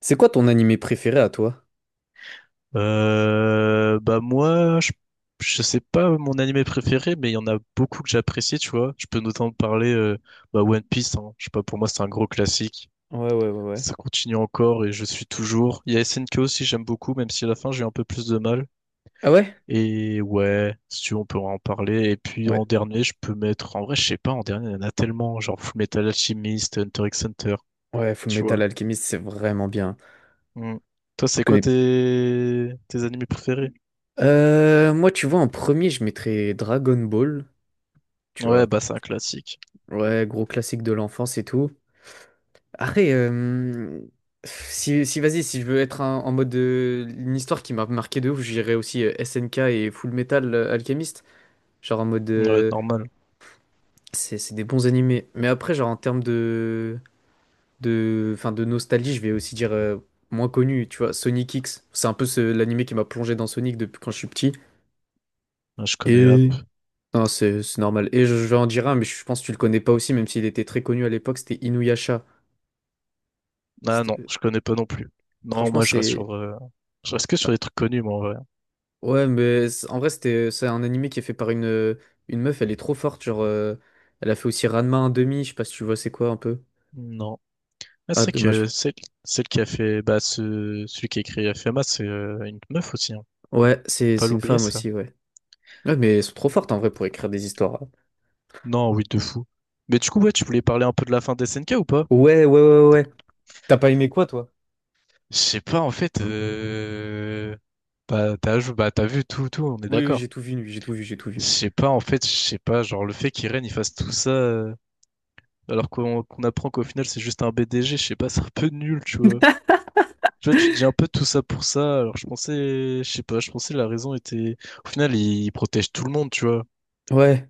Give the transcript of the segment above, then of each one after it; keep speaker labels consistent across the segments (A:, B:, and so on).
A: C'est quoi ton animé préféré à toi?
B: Bah moi, je sais pas mon animé préféré, mais il y en a beaucoup que j'apprécie, tu vois. Je peux notamment parler bah One Piece, hein. Je sais pas, pour moi c'est un gros classique.
A: Ouais, ouais, ouais, ouais.
B: Ça continue encore et je suis toujours. Il y a S N K aussi, j'aime beaucoup, même si à la fin j'ai eu un peu plus de mal.
A: Ah ouais?
B: Et ouais, si tu veux, on peut en parler. Et puis
A: Ouais.
B: en dernier, je peux mettre. En vrai, je sais pas, en dernier, il y en a tellement, genre Full Metal Alchemist, Hunter x Hunter,
A: Ouais, Full
B: tu
A: Metal
B: vois.
A: Alchemist, c'est vraiment bien.
B: Mm. Toi,
A: Je
B: c'est quoi
A: connais.
B: tes animés préférés?
A: Moi, tu vois, en premier, je mettrais Dragon Ball. Tu
B: Ouais,
A: vois.
B: bah c'est un classique.
A: Ouais, gros classique de l'enfance et tout. Après, euh, Si, si vas-y, si je veux être en mode une histoire qui m'a marqué de ouf, j'irais aussi SNK et Full Metal Alchemist. Genre en mode.
B: Ouais, normal.
A: C'est des bons animés. Mais après, genre en termes de, enfin, de nostalgie, je vais aussi dire moins connu, tu vois, Sonic X. C'est un peu l'animé qui m'a plongé dans Sonic depuis quand je suis petit.
B: Ouais, je connais app.
A: Et non, c'est normal. Et je vais en dire un, mais je pense que tu le connais pas aussi, même s'il était très connu à l'époque, c'était Inuyasha.
B: Ah non,
A: C'était- euh,
B: je connais pas non plus. Non,
A: Franchement,
B: moi je reste
A: c'est
B: sur, je reste que sur des trucs connus, moi en vrai.
A: ouais, mais en vrai, c'est un animé qui est fait par une meuf, elle est trop forte, elle a fait aussi Ranma 1/2, je sais pas si tu vois c'est quoi un peu.
B: Non. Ah, c'est
A: Ah,
B: vrai
A: dommage.
B: que celle qui a fait, bah, celui qui a écrit FMA, c'est une meuf aussi, hein. Faut
A: Ouais, c'est
B: pas
A: c'est une
B: l'oublier
A: femme
B: ça.
A: aussi, ouais. Ouais, mais elles sont trop fortes en vrai pour écrire des histoires.
B: Non, oui, de fou. Mais du coup, ouais, tu voulais parler un peu de la fin d'SNK ou pas?
A: Ouais, ouais, ouais, ouais. T'as pas aimé quoi, toi?
B: Je sais pas, en fait. Bah, t'as vu tout, tout, on est
A: Oui, oui,
B: d'accord.
A: j'ai tout vu, lui, j'ai tout vu, j'ai tout
B: Je
A: vu.
B: sais pas, en fait, je sais pas, genre le fait qu'Irene il fasse tout ça, alors qu'on apprend qu'au final c'est juste un BDG, je sais pas, c'est un peu nul, tu vois. Tu vois, tu te dis un peu tout ça pour ça, alors je pensais, je sais pas, je pensais la raison était... Au final, il protège tout le monde, tu vois.
A: Ouais.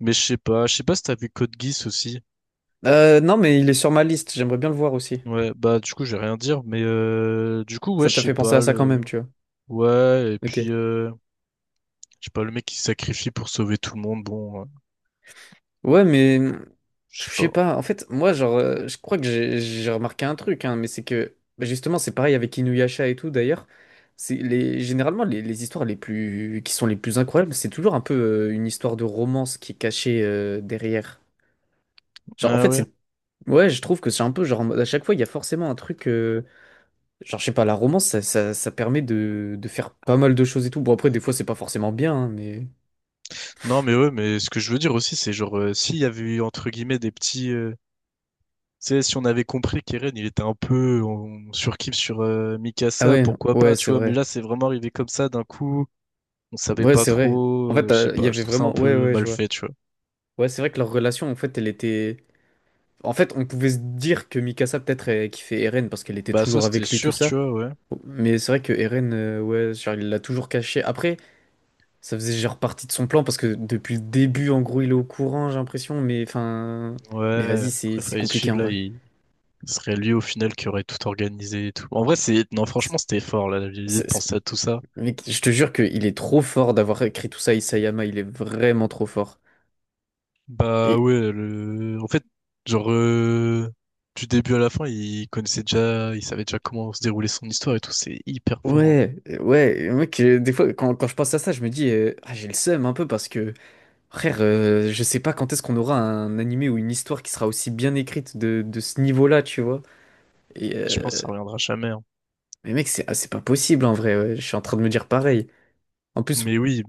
B: Mais je sais pas si t'as vu Code Geass aussi.
A: Non, mais il est sur ma liste, j'aimerais bien le voir aussi.
B: Ouais, bah du coup, j'ai rien à dire, mais du coup, ouais,
A: Ça
B: je
A: t'a
B: sais
A: fait penser à
B: pas,
A: ça quand
B: le...
A: même, tu vois.
B: Ouais, et
A: Ok.
B: puis, je sais pas, le mec qui se sacrifie pour sauver tout le monde, bon, ouais,
A: Ouais,
B: je
A: je
B: sais
A: sais
B: pas.
A: pas. En fait, moi, je crois que j'ai remarqué un truc, hein, mais c'est que bah, justement, c'est pareil avec Inuyasha et tout d'ailleurs. C'est les généralement les histoires les plus qui sont les plus incroyables, c'est toujours un peu une histoire de romance qui est cachée derrière. Genre, en
B: Ouais,
A: fait,
B: ouais.
A: c'est ouais, Je trouve que c'est un peu genre en mode à chaque fois, il y a forcément un truc. Genre, je sais pas, la romance, ça permet de faire pas mal de choses et tout. Bon, après, des fois, c'est pas forcément bien, hein, mais…
B: Non, mais ouais, mais ce que je veux dire aussi, c'est genre, s'il y avait eu, entre guillemets, des petits, tu sais, si on avait compris qu'Eren, il était un peu... On surkiffe sur
A: Ah
B: Mikasa,
A: ouais,
B: pourquoi
A: ouais,
B: pas, tu
A: c'est
B: vois. Mais
A: vrai.
B: là, c'est vraiment arrivé comme ça, d'un coup, on savait
A: Ouais,
B: pas
A: c'est vrai. En
B: trop,
A: fait,
B: je sais
A: il y
B: pas, je
A: avait
B: trouve ça un
A: vraiment... Ouais,
B: peu
A: ouais, je
B: mal
A: vois.
B: fait, tu vois.
A: Ouais, c'est vrai que leur relation, en fait, elle était… En fait, on pouvait se dire que Mikasa, peut-être, elle kiffait Eren parce qu'elle était
B: Bah ça,
A: toujours
B: c'était
A: avec lui, tout
B: sûr, tu
A: ça.
B: vois, ouais.
A: Mais c'est vrai que Eren, ouais, genre, il l'a toujours caché. Après, ça faisait genre partie de son plan parce que depuis le début, en gros, il est au courant, j'ai l'impression. Mais enfin… Mais
B: Ouais,
A: vas-y, c'est
B: après,
A: c'est
B: fallait
A: compliqué,
B: suivre,
A: en
B: là,
A: vrai.
B: il... Ce serait lui au final qui aurait tout organisé et tout. En vrai, c'est... Non, franchement, c'était fort, là, la l'idée de
A: C'est-
B: penser à tout ça.
A: Mec, je te jure qu'il est trop fort d'avoir écrit tout ça, Isayama, il est vraiment trop fort.
B: Bah
A: Et
B: ouais, le... en fait, genre, du début à la fin, il connaissait déjà, il savait déjà comment se déroulait son histoire et tout, c'est hyper fort, hein.
A: ouais, ouais, mec, des fois, quand je pense à ça, je me dis, j'ai le seum un peu parce que, frère, je sais pas quand est-ce qu'on aura un animé ou une histoire qui sera aussi bien écrite de ce niveau-là, tu vois. Et,
B: Je pense que
A: euh,
B: ça reviendra jamais, hein.
A: mais mec, c'est pas possible en vrai, ouais, je suis en train de me dire pareil. En plus,
B: Mais oui,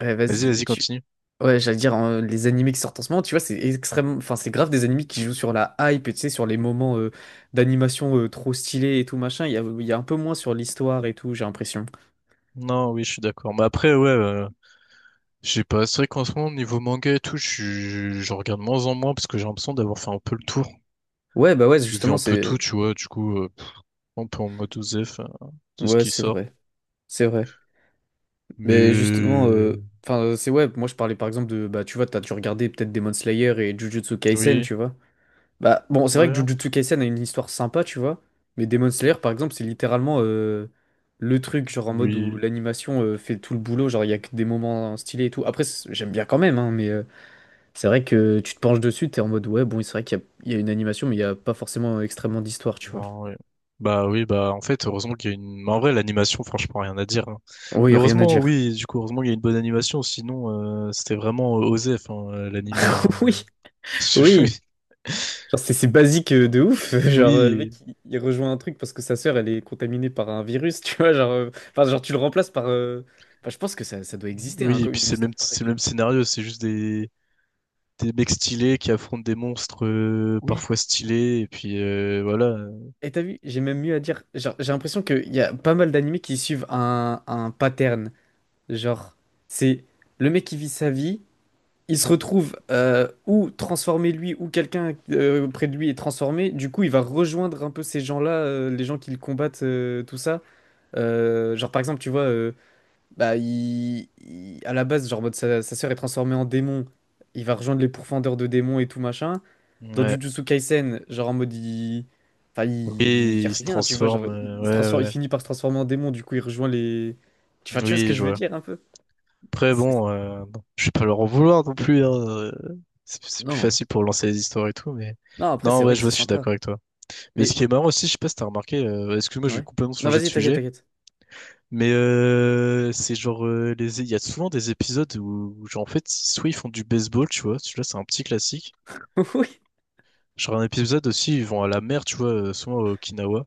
A: ouais,
B: vas-y,
A: vas-y,
B: vas-y,
A: tu…
B: continue.
A: Ouais, j'allais dire, hein, les animés qui sortent en ce moment, tu vois, c'est extrêmement… Enfin, c'est grave des animés qui jouent sur la hype, et tu sais, sur les moments d'animation trop stylés et tout, machin. Il y a un peu moins sur l'histoire et tout, j'ai l'impression.
B: Non, oui, je suis d'accord. Mais après, ouais, je sais pas, c'est vrai qu'en ce moment, niveau manga et tout, je regarde moins en moins parce que j'ai l'impression d'avoir fait un peu le tour.
A: Ouais, bah ouais,
B: J'ai vu
A: justement,
B: un peu tout,
A: c'est…
B: tu vois, du coup, un peu en mode OZEF, de ce
A: Ouais,
B: qui
A: c'est
B: sort.
A: vrai. C'est vrai. Mais justement, euh,
B: Mais
A: enfin, euh, c'est ouais, moi je parlais par exemple de… Bah, tu vois, t'as dû regarder peut-être Demon Slayer et Jujutsu Kaisen,
B: oui,
A: tu vois. Bah, bon, c'est vrai
B: ouais,
A: que Jujutsu Kaisen a une histoire sympa, tu vois. Mais Demon Slayer, par exemple, c'est littéralement le truc, genre en mode où
B: oui.
A: l'animation fait tout le boulot. Genre, il y a que des moments stylés et tout. Après, j'aime bien quand même, hein, mais c'est vrai que tu te penches dessus, t'es en mode, ouais, bon, c'est vrai qu'il y a une animation, mais il n'y a pas forcément extrêmement d'histoire, tu vois.
B: Non, ouais. Bah oui, bah en fait, heureusement qu'il y a une... Mais en vrai, l'animation, franchement, rien à dire, hein.
A: Oui,
B: Mais
A: rien à
B: heureusement,
A: dire.
B: oui, du coup, heureusement qu'il y a une bonne animation, sinon, c'était vraiment osé, enfin, l'animé, hein.
A: Oui, oui. Genre, c'est basique de ouf. Le mec,
B: Oui,
A: il rejoint un truc parce que sa sœur, elle est contaminée par un virus, tu vois. Genre tu le remplaces par. Enfin, je pense que ça doit
B: oui,
A: exister, hein,
B: oui, et
A: comme
B: puis
A: une histoire pareille,
B: c'est le
A: tu
B: même
A: vois.
B: scénario, c'est juste des mecs stylés qui affrontent des monstres,
A: Oui.
B: parfois stylés, et puis voilà.
A: Et t'as vu, j'ai même mieux à dire. Genre, j'ai l'impression qu'il y a pas mal d'animés qui suivent un pattern. Genre, c'est le mec qui vit sa vie, il se retrouve ou transformé lui, ou quelqu'un près de lui est transformé. Du coup, il va rejoindre un peu ces gens-là, les gens qui le combattent, tout ça. Genre par exemple, tu vois, bah, à la base, genre, en mode, sa sœur est transformée en démon. Il va rejoindre les pourfendeurs de démons et tout machin. Dans
B: Ouais.
A: Jujutsu Kaisen, genre, en mode, il. Enfin, il y
B: Oui,
A: a
B: ils se
A: rien, tu vois. Genre,
B: transforment,
A: il, se transforme, il
B: ouais,
A: finit par se transformer en démon, du coup, il rejoint les. Enfin,
B: ouais.
A: tu vois ce que
B: Oui,
A: je
B: je
A: veux
B: vois.
A: dire un peu?
B: Après,
A: C'est-
B: bon, bon, je vais pas leur en vouloir non plus, hein. C'est plus
A: Non.
B: facile pour lancer les histoires et tout, mais...
A: Non, après,
B: Non,
A: c'est
B: ouais,
A: vrai que
B: je
A: c'est
B: vois, je suis
A: sympa.
B: d'accord avec toi. Mais ce
A: Mais.
B: qui est marrant aussi, je sais pas si t'as remarqué, excuse-moi, je vais
A: Ouais.
B: complètement
A: Non,
B: changer de
A: vas-y, t'inquiète,
B: sujet,
A: t'inquiète.
B: mais c'est genre... les... Il y a souvent des épisodes où, genre, en fait, soit ils font du baseball, tu vois, celui-là, c'est un petit classique.
A: Oui.
B: Genre un épisode aussi, ils vont à la mer, tu vois, souvent à Okinawa.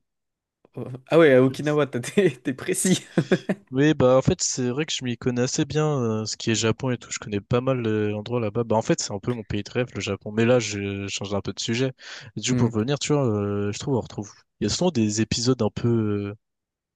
A: Ah ouais, à Okinawa, t'es précis.
B: Oui, bah en fait, c'est vrai que je m'y connais assez bien, ce qui est Japon et tout. Je connais pas mal d'endroits là-bas. Bah en fait, c'est un peu mon pays de rêve, le Japon. Mais là, je change un peu de sujet. Du coup,
A: Hmm.
B: pour revenir, tu vois, je trouve on retrouve. Il y a souvent des épisodes un peu, euh,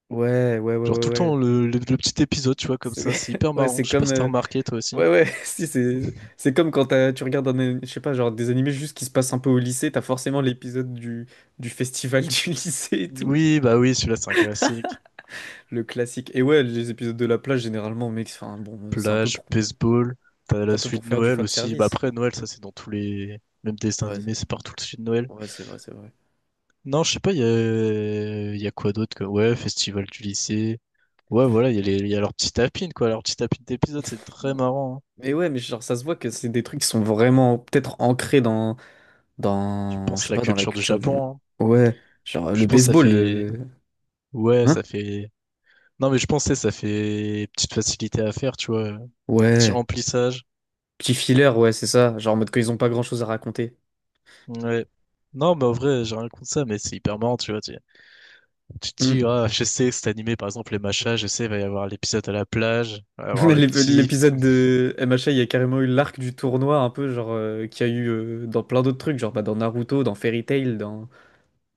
A: Ouais, ouais, ouais,
B: genre
A: ouais,
B: tout le
A: ouais.
B: temps le petit épisode, tu vois, comme
A: C'est
B: ça. C'est hyper
A: ouais,
B: marrant.
A: c'est
B: Je sais pas
A: comme,
B: si t'as
A: euh,
B: remarqué toi aussi.
A: ouais, ouais, si, c'est c'est comme quand tu regardes un, je sais pas, genre des animés juste qui se passent un peu au lycée, t'as forcément l'épisode du festival du lycée et tout.
B: Oui, bah oui, celui-là c'est un classique.
A: Le classique. Et ouais, les épisodes de la plage, généralement, mec, enfin, bon,
B: Plage, baseball, t'as
A: c'est
B: la
A: un peu
B: suite
A: pour
B: de
A: faire du
B: Noël
A: fan
B: aussi. Bah
A: service.
B: après Noël, ça c'est dans tous les, même dessins
A: Ouais, c'est-
B: animés, c'est partout le suite de Noël.
A: ouais, c'est vrai, c'est vrai.
B: Non, je sais pas, il y a quoi d'autre que... Ouais, festival du lycée. Ouais, voilà, il y a leur petit tapine, quoi. Leur petit tapine d'épisode, c'est très marrant, hein.
A: Mais ouais, mais genre, ça se voit que c'est des trucs qui sont vraiment peut-être ancrés dans,
B: Je
A: dans, je
B: pense
A: sais
B: la
A: pas, dans la
B: culture du
A: culture du.
B: Japon, hein.
A: Ouais, genre
B: Je
A: le
B: pense que ça
A: baseball,
B: fait...
A: euh,
B: Ouais, ça
A: hein?
B: fait... Non, mais je pensais, ça fait petite facilité à faire, tu vois. Petit
A: Ouais,
B: remplissage.
A: petit filler, ouais, c'est ça. Genre en mode quand ils ont pas grand-chose à raconter.
B: Ouais. Non, mais en vrai, j'ai rien contre ça, mais c'est hyper marrant, tu vois. Tu te dis,
A: Hmm.
B: ah, je sais, c'est animé, par exemple, les machas, je sais, il va y avoir l'épisode à la plage, il va y avoir le petit...
A: L'épisode de MHA, il y a carrément eu l'arc du tournoi, un peu, genre, qu'il y a eu dans plein d'autres trucs, genre bah, dans Naruto, dans Fairy Tail, dans.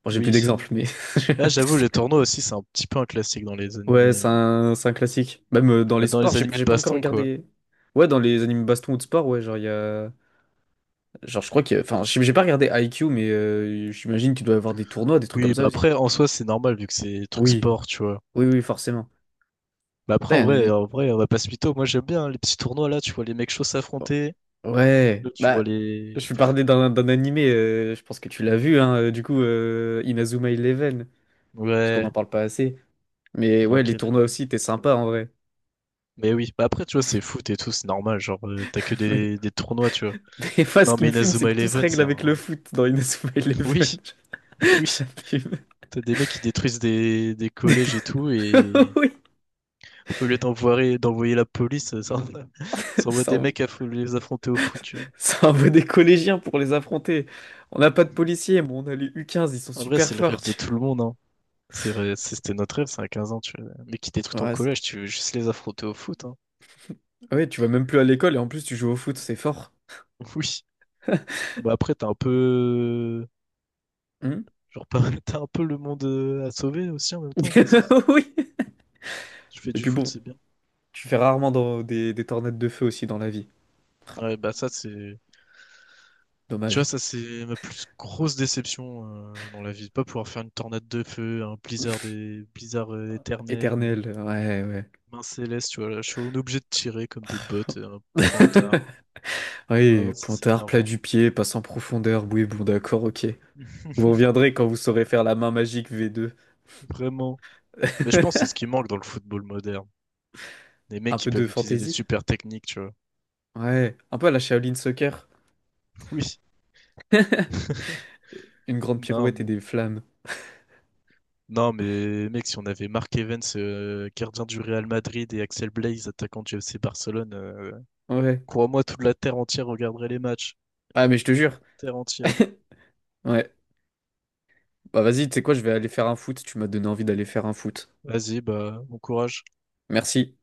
A: Bon, j'ai plus
B: Oui.
A: d'exemples, mais.
B: Là, j'avoue, le tournoi aussi, c'est un petit peu un classique dans les
A: Ouais,
B: animés.
A: c'est un classique. Même dans les
B: Bah, dans
A: sports,
B: les
A: j'ai
B: animés
A: j'ai
B: de
A: pas encore
B: baston, quoi.
A: regardé. Ouais, dans les animes baston ou de sport, ouais, genre, il y a. Genre, je crois que. Enfin, j'ai pas regardé IQ, mais j'imagine qu'il doit y avoir des tournois, des trucs comme
B: Oui,
A: ça
B: bah
A: aussi.
B: après, en soi, c'est normal vu que c'est des trucs
A: Oui.
B: sport, tu vois.
A: Oui, oui, forcément.
B: Bah après,
A: Putain, il y a un anime.
B: en vrai, on va pas se mytho. Moi, j'aime bien hein, les petits tournois là. Tu vois les mecs chauds
A: Oh.
B: s'affronter.
A: Ouais,
B: Là, tu vois
A: bah,
B: les.
A: je vais parler d'un d'un animé, je pense que tu l'as vu, hein, du coup, Inazuma Eleven, parce qu'on
B: Ouais.
A: n'en parle pas assez. Mais
B: Non,
A: ouais, les
B: quel
A: tournois
B: animé.
A: aussi étaient sympas en vrai.
B: Mais oui, bah après, tu vois, c'est foot et tout, c'est normal. Genre, t'as que des, des tournois, tu vois.
A: Mais moi, ce
B: Non,
A: qui
B: mais
A: me fume, c'est
B: Inazuma
A: que tout se
B: Eleven,
A: règle
B: c'est
A: avec le
B: un.
A: foot dans Inazuma
B: Oui,
A: Eleven. Ça
B: oui.
A: me fume.
B: T'as des mecs qui détruisent des collèges et tout, et
A: Oui,
B: au lieu d'envoyer la police, ça, ça envoie
A: c'est
B: des
A: un,
B: mecs les affronter au foot, tu vois.
A: ça envoie des collégiens pour les affronter. On n'a pas de policiers, mais on a les U15 ils sont
B: En vrai,
A: super
B: c'est le
A: forts.
B: rêve
A: tu-
B: de tout le monde, hein. C'est vrai, c'était notre rêve, c'est à 15 ans, tu vois. Mais quitter tout ton
A: Ouais, c'est-
B: collège, tu veux juste les affronter au foot, hein.
A: ouais, tu vas même plus à l'école et en plus tu joues au foot, c'est fort.
B: Oui. Bah après, t'as un peu...
A: Hmm
B: Genre, pas- t'as un peu le monde à sauver aussi en même temps, mais ça, c'est-
A: Oui.
B: tu fais
A: Et
B: du
A: puis
B: foot,
A: bon,
B: c'est bien.
A: tu fais rarement dans des tornades de feu aussi dans la vie. Ah,
B: Ouais, bah ça, c'est... Tu vois,
A: dommage.
B: ça, c'est ma plus grosse déception dans la vie de pas pouvoir faire une tornade de feu, un blizzard, des blizzard éternel,
A: Éternel, ouais, ouais.
B: main céleste, tu vois. Là, je suis on est obligé de tirer comme des bottes, un pointard. Ah non,
A: Oui,
B: ça, c'est
A: pointard, plat
B: énervant.
A: du pied, passe en profondeur. Oui, bon, d'accord, ok. Vous reviendrez quand vous saurez faire la main magique V2.
B: Vraiment. Mais je pense que c'est ce qui manque dans le football moderne. Des mecs
A: Un
B: qui
A: peu de
B: peuvent utiliser des
A: fantaisie.
B: super techniques, tu vois.
A: Ouais, un peu à la Shaolin Soccer.
B: Oui.
A: Une grande
B: Non,
A: pirouette et
B: mais,
A: des flammes.
B: non, mais mec, si on avait Mark Evans, gardien du Real Madrid, et Axel Blaise, attaquant du FC Barcelone,
A: Ouais.
B: crois-moi, toute la terre entière regarderait les matchs.
A: Ah, mais je te jure.
B: Terre entière.
A: Ouais. Bah vas-y, tu sais quoi, je vais aller faire un foot. Tu m'as donné envie d'aller faire un foot.
B: Vas-y, bah, bon courage.
A: Merci.